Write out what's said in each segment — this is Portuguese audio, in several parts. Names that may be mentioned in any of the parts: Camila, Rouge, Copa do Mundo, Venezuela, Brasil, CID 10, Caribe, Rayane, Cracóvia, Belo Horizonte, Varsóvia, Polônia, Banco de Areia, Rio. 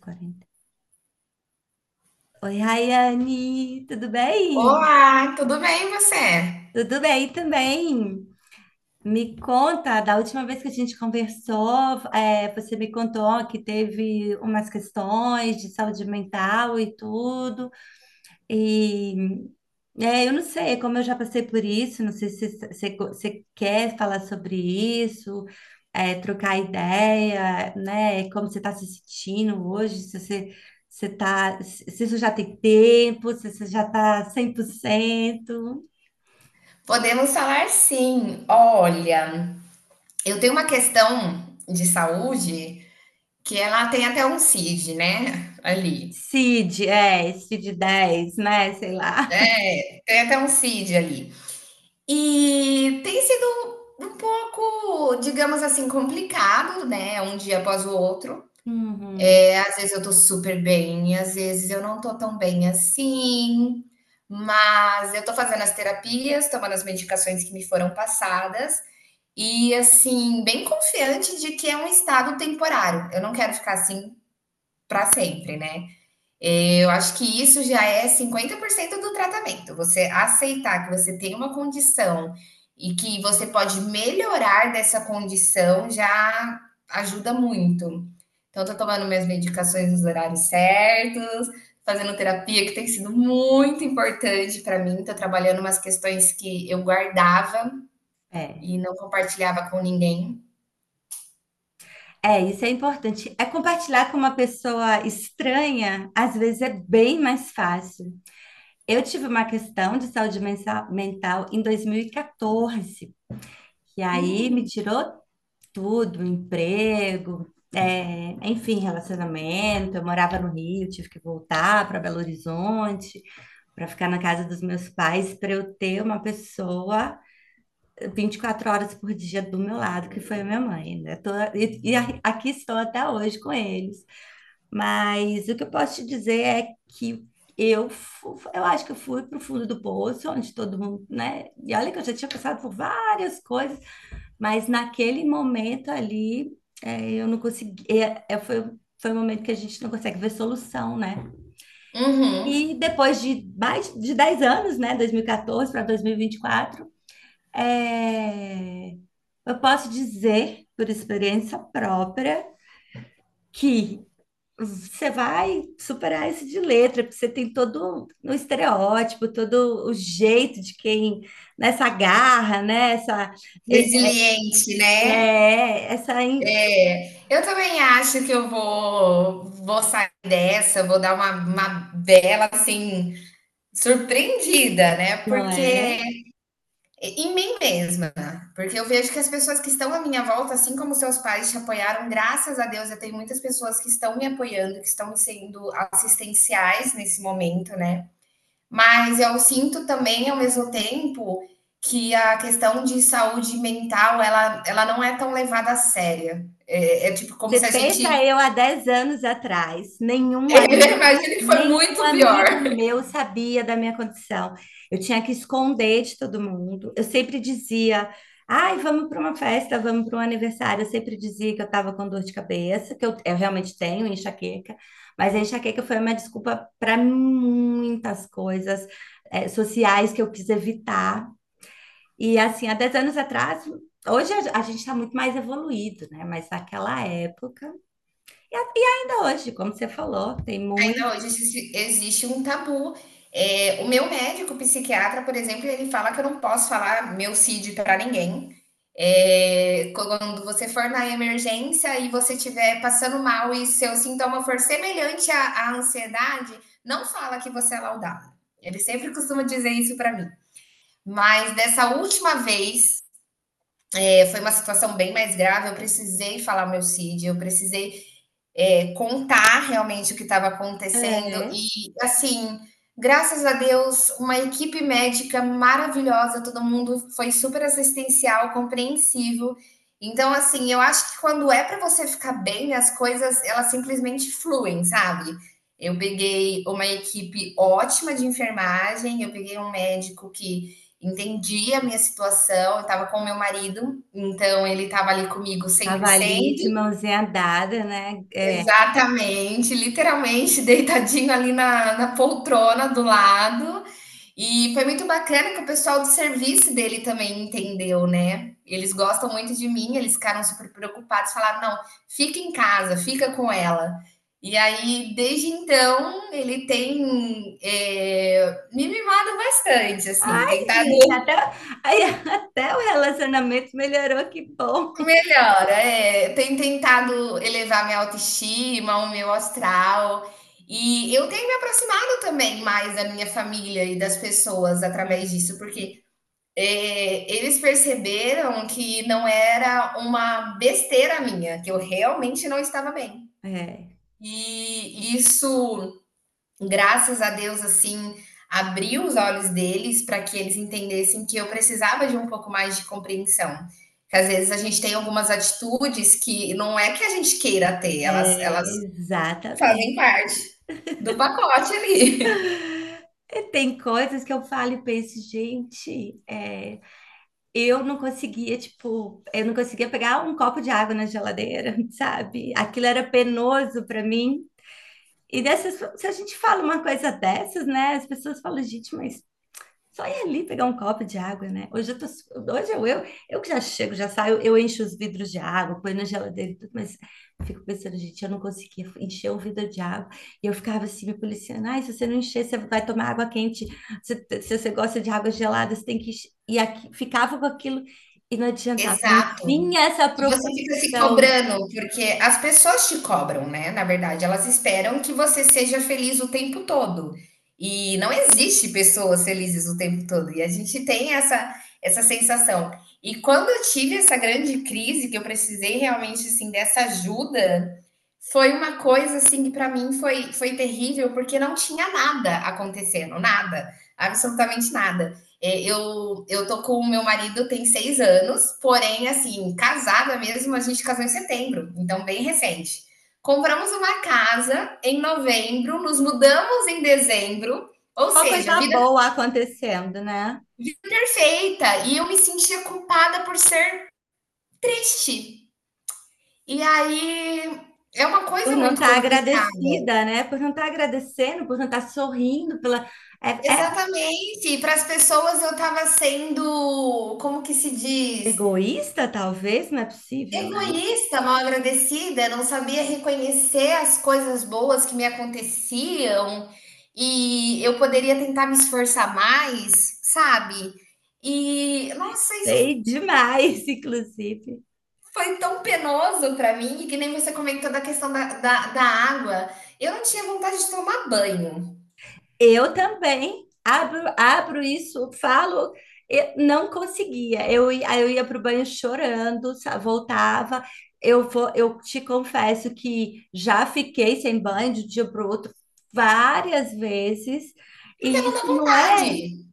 40. Oi, Rayane, tudo bem? Olá, tudo bem você? Tudo bem também. Me conta, da última vez que a gente conversou, você me contou que teve umas questões de saúde mental e tudo. E eu não sei, como eu já passei por isso, não sei se você quer falar sobre isso, trocar ideia, né? Como você está se sentindo hoje, se você, você tá, se isso já tem tempo, se você já está 100%. Podemos falar sim. Olha, eu tenho uma questão de saúde que ela tem até um CID, né, ali. CID, CID 10, né? Sei lá. É, tem até um CID ali. E tem sido um pouco, digamos assim, complicado, né, um dia após o outro. Uhum, É, às vezes eu tô super bem, às vezes eu não tô tão bem assim, mas eu tô fazendo as terapias, tomando as medicações que me foram passadas. E assim, bem confiante de que é um estado temporário. Eu não quero ficar assim para sempre, né? Eu acho que isso já é 50% do tratamento. Você aceitar que você tem uma condição e que você pode melhorar dessa condição já ajuda muito. Então, tô tomando minhas medicações nos horários certos, fazendo terapia, que tem sido muito importante para mim. Tô trabalhando umas questões que eu guardava é. e não compartilhava com ninguém. É, isso é importante. É compartilhar com uma pessoa estranha, às vezes é bem mais fácil. Eu tive uma questão de saúde mental em 2014, que aí me Hum, tirou tudo, emprego, enfim, relacionamento. Eu morava no Rio, tive que voltar para Belo Horizonte para ficar na casa dos meus pais, para eu ter uma pessoa 24 horas por dia do meu lado, que foi a minha mãe, né? E aqui estou até hoje com eles. Mas o que eu posso te dizer é que eu acho que eu fui para o fundo do poço, onde todo mundo, né? E olha que eu já tinha passado por várias coisas, mas naquele momento ali, eu não consegui. Foi um momento que a gente não consegue ver solução, né? uhum. E depois de mais de 10 anos, né? 2014 para 2024, é, eu posso dizer, por experiência própria, que você vai superar isso de letra, porque você tem todo um estereótipo, todo o jeito de quem, nessa garra, né? Essa, é, Resiliente, né? é, essa, in- É, eu também acho que eu vou sair dessa, vou dar uma bela, assim, surpreendida, né, Não porque é? em mim mesma, né? Porque eu vejo que as pessoas que estão à minha volta, assim como seus pais te apoiaram, graças a Deus, eu tenho muitas pessoas que estão me apoiando, que estão sendo assistenciais nesse momento, né. Mas eu sinto também, ao mesmo tempo, que a questão de saúde mental, ela não é tão levada a séria. É, é tipo como Você se a pensa gente... eu há 10 anos atrás, Imagina que foi nenhum muito pior. amigo meu sabia da minha condição. Eu tinha que esconder de todo mundo. Eu sempre dizia, ai, vamos para uma festa, vamos para um aniversário. Eu sempre dizia que eu estava com dor de cabeça, eu realmente tenho enxaqueca, mas a enxaqueca foi uma desculpa para muitas coisas, sociais que eu quis evitar. E assim, há 10 anos atrás, hoje a gente está muito mais evoluído, né? Mas naquela época. E, e ainda hoje, como você falou, tem muito. Ainda hoje existe um tabu. O meu médico psiquiatra, por exemplo, ele fala que eu não posso falar meu CID para ninguém. Quando você for na emergência e você estiver passando mal e seu sintoma for semelhante à ansiedade, não fala que você é laudada. Ele sempre costuma dizer isso para mim. Mas dessa última vez, foi uma situação bem mais grave, eu precisei falar meu CID, eu precisei contar realmente o que estava acontecendo É, e, assim, graças a Deus, uma equipe médica maravilhosa, todo mundo foi super assistencial, compreensivo. Então, assim, eu acho que quando é para você ficar bem, as coisas, elas simplesmente fluem, sabe? Eu peguei uma equipe ótima de enfermagem, eu peguei um médico que entendia a minha situação, eu estava com o meu marido, então ele estava ali comigo cem por tava ali cento de mãozinha dada, né? É. Exatamente, literalmente deitadinho ali na poltrona do lado. E foi muito bacana que o pessoal do serviço dele também entendeu, né? Eles gostam muito de mim, eles ficaram super preocupados, falaram: não, fica em casa, fica com ela. E aí, desde então, ele tem me mimado bastante, assim, Ai, tentado. gente, aí, até o relacionamento melhorou, que bom. Melhora, é. Tenho tentado elevar minha autoestima, o meu astral. E eu tenho me aproximado também mais da minha família e das pessoas através disso, Hum. porque eles perceberam que não era uma besteira minha, que eu realmente não estava bem. É, E isso, graças a Deus, assim, abriu os olhos deles para que eles entendessem que eu precisava de um pouco mais de compreensão. Que às vezes a gente tem algumas atitudes que não é que a gente queira ter, elas fazem exatamente. parte do pacote ali. E tem coisas que eu falo e penso, gente, eu não conseguia, tipo, eu não conseguia pegar um copo de água na geladeira, sabe? Aquilo era penoso para mim. E dessas, se a gente fala uma coisa dessas, né? As pessoas falam, gente, mas só ir ali pegar um copo de água, né? Hoje eu tô, eu que já chego, já saio, eu encho os vidros de água, põe na geladeira e tudo, mas eu fico pensando, gente, eu não conseguia encher um vidro de água. E eu ficava assim, me policiando, ai, se você não encher, você vai tomar água quente. Se você gosta de água gelada, você tem que encher. E aqui, ficava com aquilo e não adiantava, não Exato. vinha essa E você fica se propulsão. cobrando, porque as pessoas te cobram, né, na verdade, elas esperam que você seja feliz o tempo todo. E não existe pessoas felizes o tempo todo, e a gente tem essa sensação. E quando eu tive essa grande crise que eu precisei realmente, assim, dessa ajuda, foi uma coisa, assim, que para mim foi terrível, porque não tinha nada acontecendo, nada, absolutamente nada. É, eu tô com o meu marido tem 6 anos, porém, assim, casada mesmo, a gente casou em setembro, então bem recente. Compramos uma casa em novembro, nos mudamos em dezembro, ou Só seja, coisa vida, boa acontecendo, né? vida perfeita. E eu me sentia culpada por ser triste. E aí é uma Por coisa não muito estar complicada. agradecida, né? Por não estar agradecendo, por não estar sorrindo pela. É, Exatamente. Para as pessoas eu tava sendo, como que se é diz? egoísta, talvez, não é possível. Ai, Egoísta, mal agradecida, não sabia reconhecer as coisas boas que me aconteciam e eu poderia tentar me esforçar mais, sabe? E nossa, isso sei demais, inclusive. foi tão penoso para mim, que nem você comentou da questão da água. Eu não tinha vontade de tomar banho, Eu também abro, eu não conseguia. Aí eu ia para o banho chorando, voltava. Eu te confesso que já fiquei sem banho de um dia para o outro várias vezes, porque e não dá isso não é. vontade.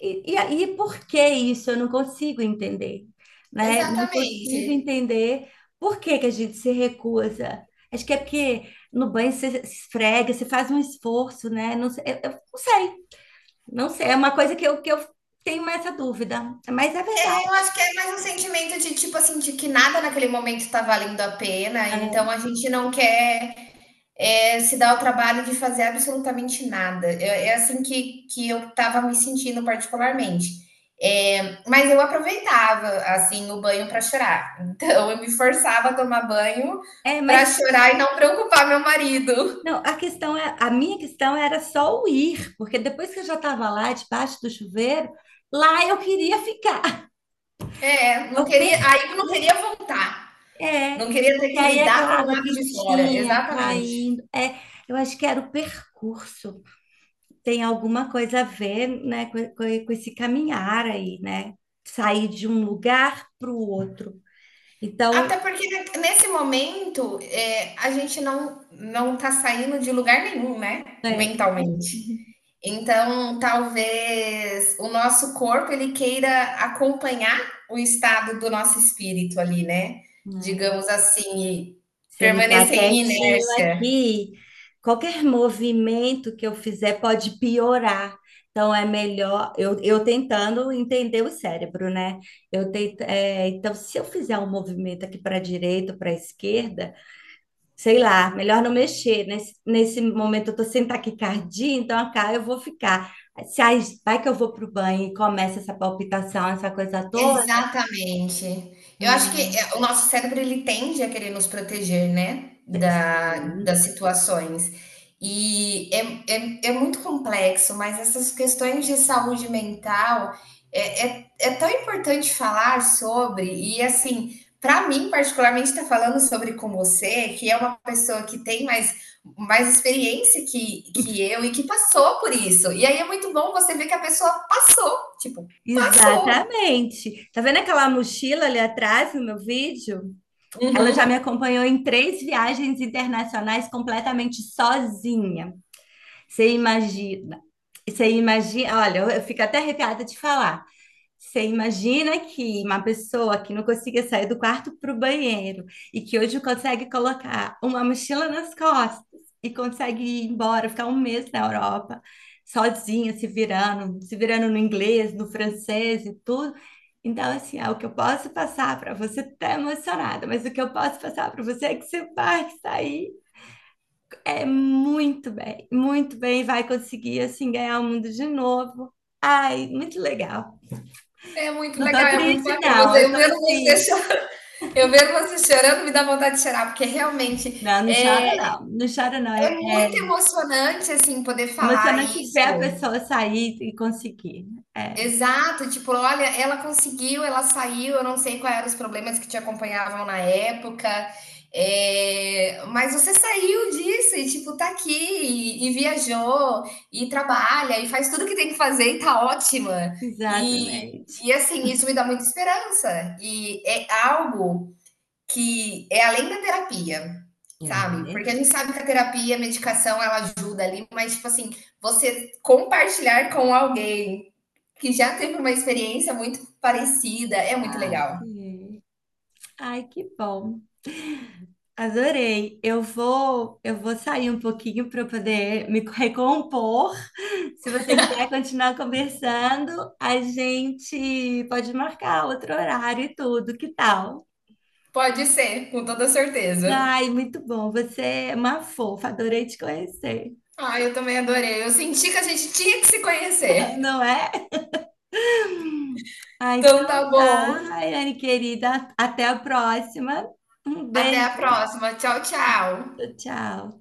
E aí, por que isso? Eu não consigo entender, né? Não consigo Exatamente. entender por que que a gente se recusa. Acho que é porque no banho você se esfrega, você faz um esforço, né? Não sei, eu não sei, não sei. É uma coisa que eu tenho mais essa dúvida, mas é É, eu verdade. acho que é mais um sentimento de tipo assim, de que nada naquele momento tá valendo a pena, então É, a gente não quer se dá o trabalho de fazer absolutamente nada. É, é assim que eu estava me sentindo particularmente. É, mas eu aproveitava assim o banho para chorar. Então eu me forçava a tomar banho para mas chorar e não preocupar meu marido. não, a questão é, a minha questão era só o ir, porque depois que eu já estava lá, debaixo do chuveiro, lá eu queria ficar. É, não Eu queria, perdi. aí eu não queria voltar. É, Não queria ter porque que aí é lidar aquela com o água lado de fora, quentinha exatamente. caindo. É, eu acho que era o percurso. Tem alguma coisa a ver, né, com esse caminhar aí, né? Sair de um lugar para o outro. Então, Até porque nesse momento a gente não tá saindo de lugar nenhum, né? é. Mentalmente. Uhum. Então, talvez o nosso corpo ele queira acompanhar o estado do nosso espírito ali, né, É. digamos assim, e Se ele está permanecer em quietinho inércia. aqui, qualquer movimento que eu fizer pode piorar. Então é melhor eu tentando entender o cérebro, né? Eu tento, então, se eu fizer um movimento aqui para a direita, para a esquerda, sei lá, melhor não mexer. Nesse momento eu estou sem taquicardia, então acá eu vou ficar. Se aí vai que eu vou para o banho e começa essa palpitação, essa coisa toda, Exatamente. Eu acho que, né? o nosso cérebro ele tende a querer nos proteger, né, da das Sim. situações. E é muito complexo, mas essas questões de saúde mental é tão importante falar sobre e, assim, para mim particularmente estar falando sobre com você, que é uma pessoa que tem mais experiência que eu e que passou por isso. E aí é muito bom você ver que a pessoa passou, tipo, passou. Exatamente. Tá vendo aquela mochila ali atrás no meu vídeo? Ela já Uhum. me acompanhou em três viagens internacionais completamente sozinha. Você imagina? Você imagina? Olha, eu fico até arrepiada de falar. Você imagina que uma pessoa que não conseguia sair do quarto para o banheiro e que hoje consegue colocar uma mochila nas costas e consegue ir embora, ficar um mês na Europa, sozinha, se virando, se virando no inglês, no francês e tudo. Então, assim, é o que eu posso passar para você, tá emocionada, mas o que eu posso passar para você é que você vai sair é muito bem, vai conseguir, assim, ganhar o mundo de novo. Ai, muito legal. É muito Não tô legal, é muito triste, bacana. não. Você, Eu eu, tô vendo você assim. chorando, eu vendo você chorando me dá vontade de chorar, porque realmente Não, não é, chora, não. Não chora, não. é É muito emocionante assim poder falar emocionante ver a isso. pessoa sair e conseguir. É, Exato, tipo, olha, ela conseguiu, ela saiu, eu não sei quais eram os problemas que te acompanhavam na época, é, mas você saiu disso e, tipo, tá aqui e viajou e trabalha e faz tudo que tem que fazer e tá ótima. E, exatamente. e assim, isso me dá muita esperança. E é algo que é além da terapia, sabe? Porque É. a gente sabe que a terapia, a medicação, ela ajuda ali, mas, tipo assim, você compartilhar com alguém que já teve uma experiência muito parecida é muito Exato. legal. É. Ai, que bom. Adorei. Eu vou sair um pouquinho para poder me recompor. Se você quiser continuar conversando, a gente pode marcar outro horário e tudo. Que tal? Pode ser, com toda certeza. Ai, muito bom. Você é uma fofa. Adorei te conhecer. Ah, eu também adorei. Eu senti que a gente tinha que se Não conhecer. é? Ah, Então tá então tá, bom. Raiane querida. Até a próxima. Um Até a beijo. próxima. Tchau, tchau. Tchau.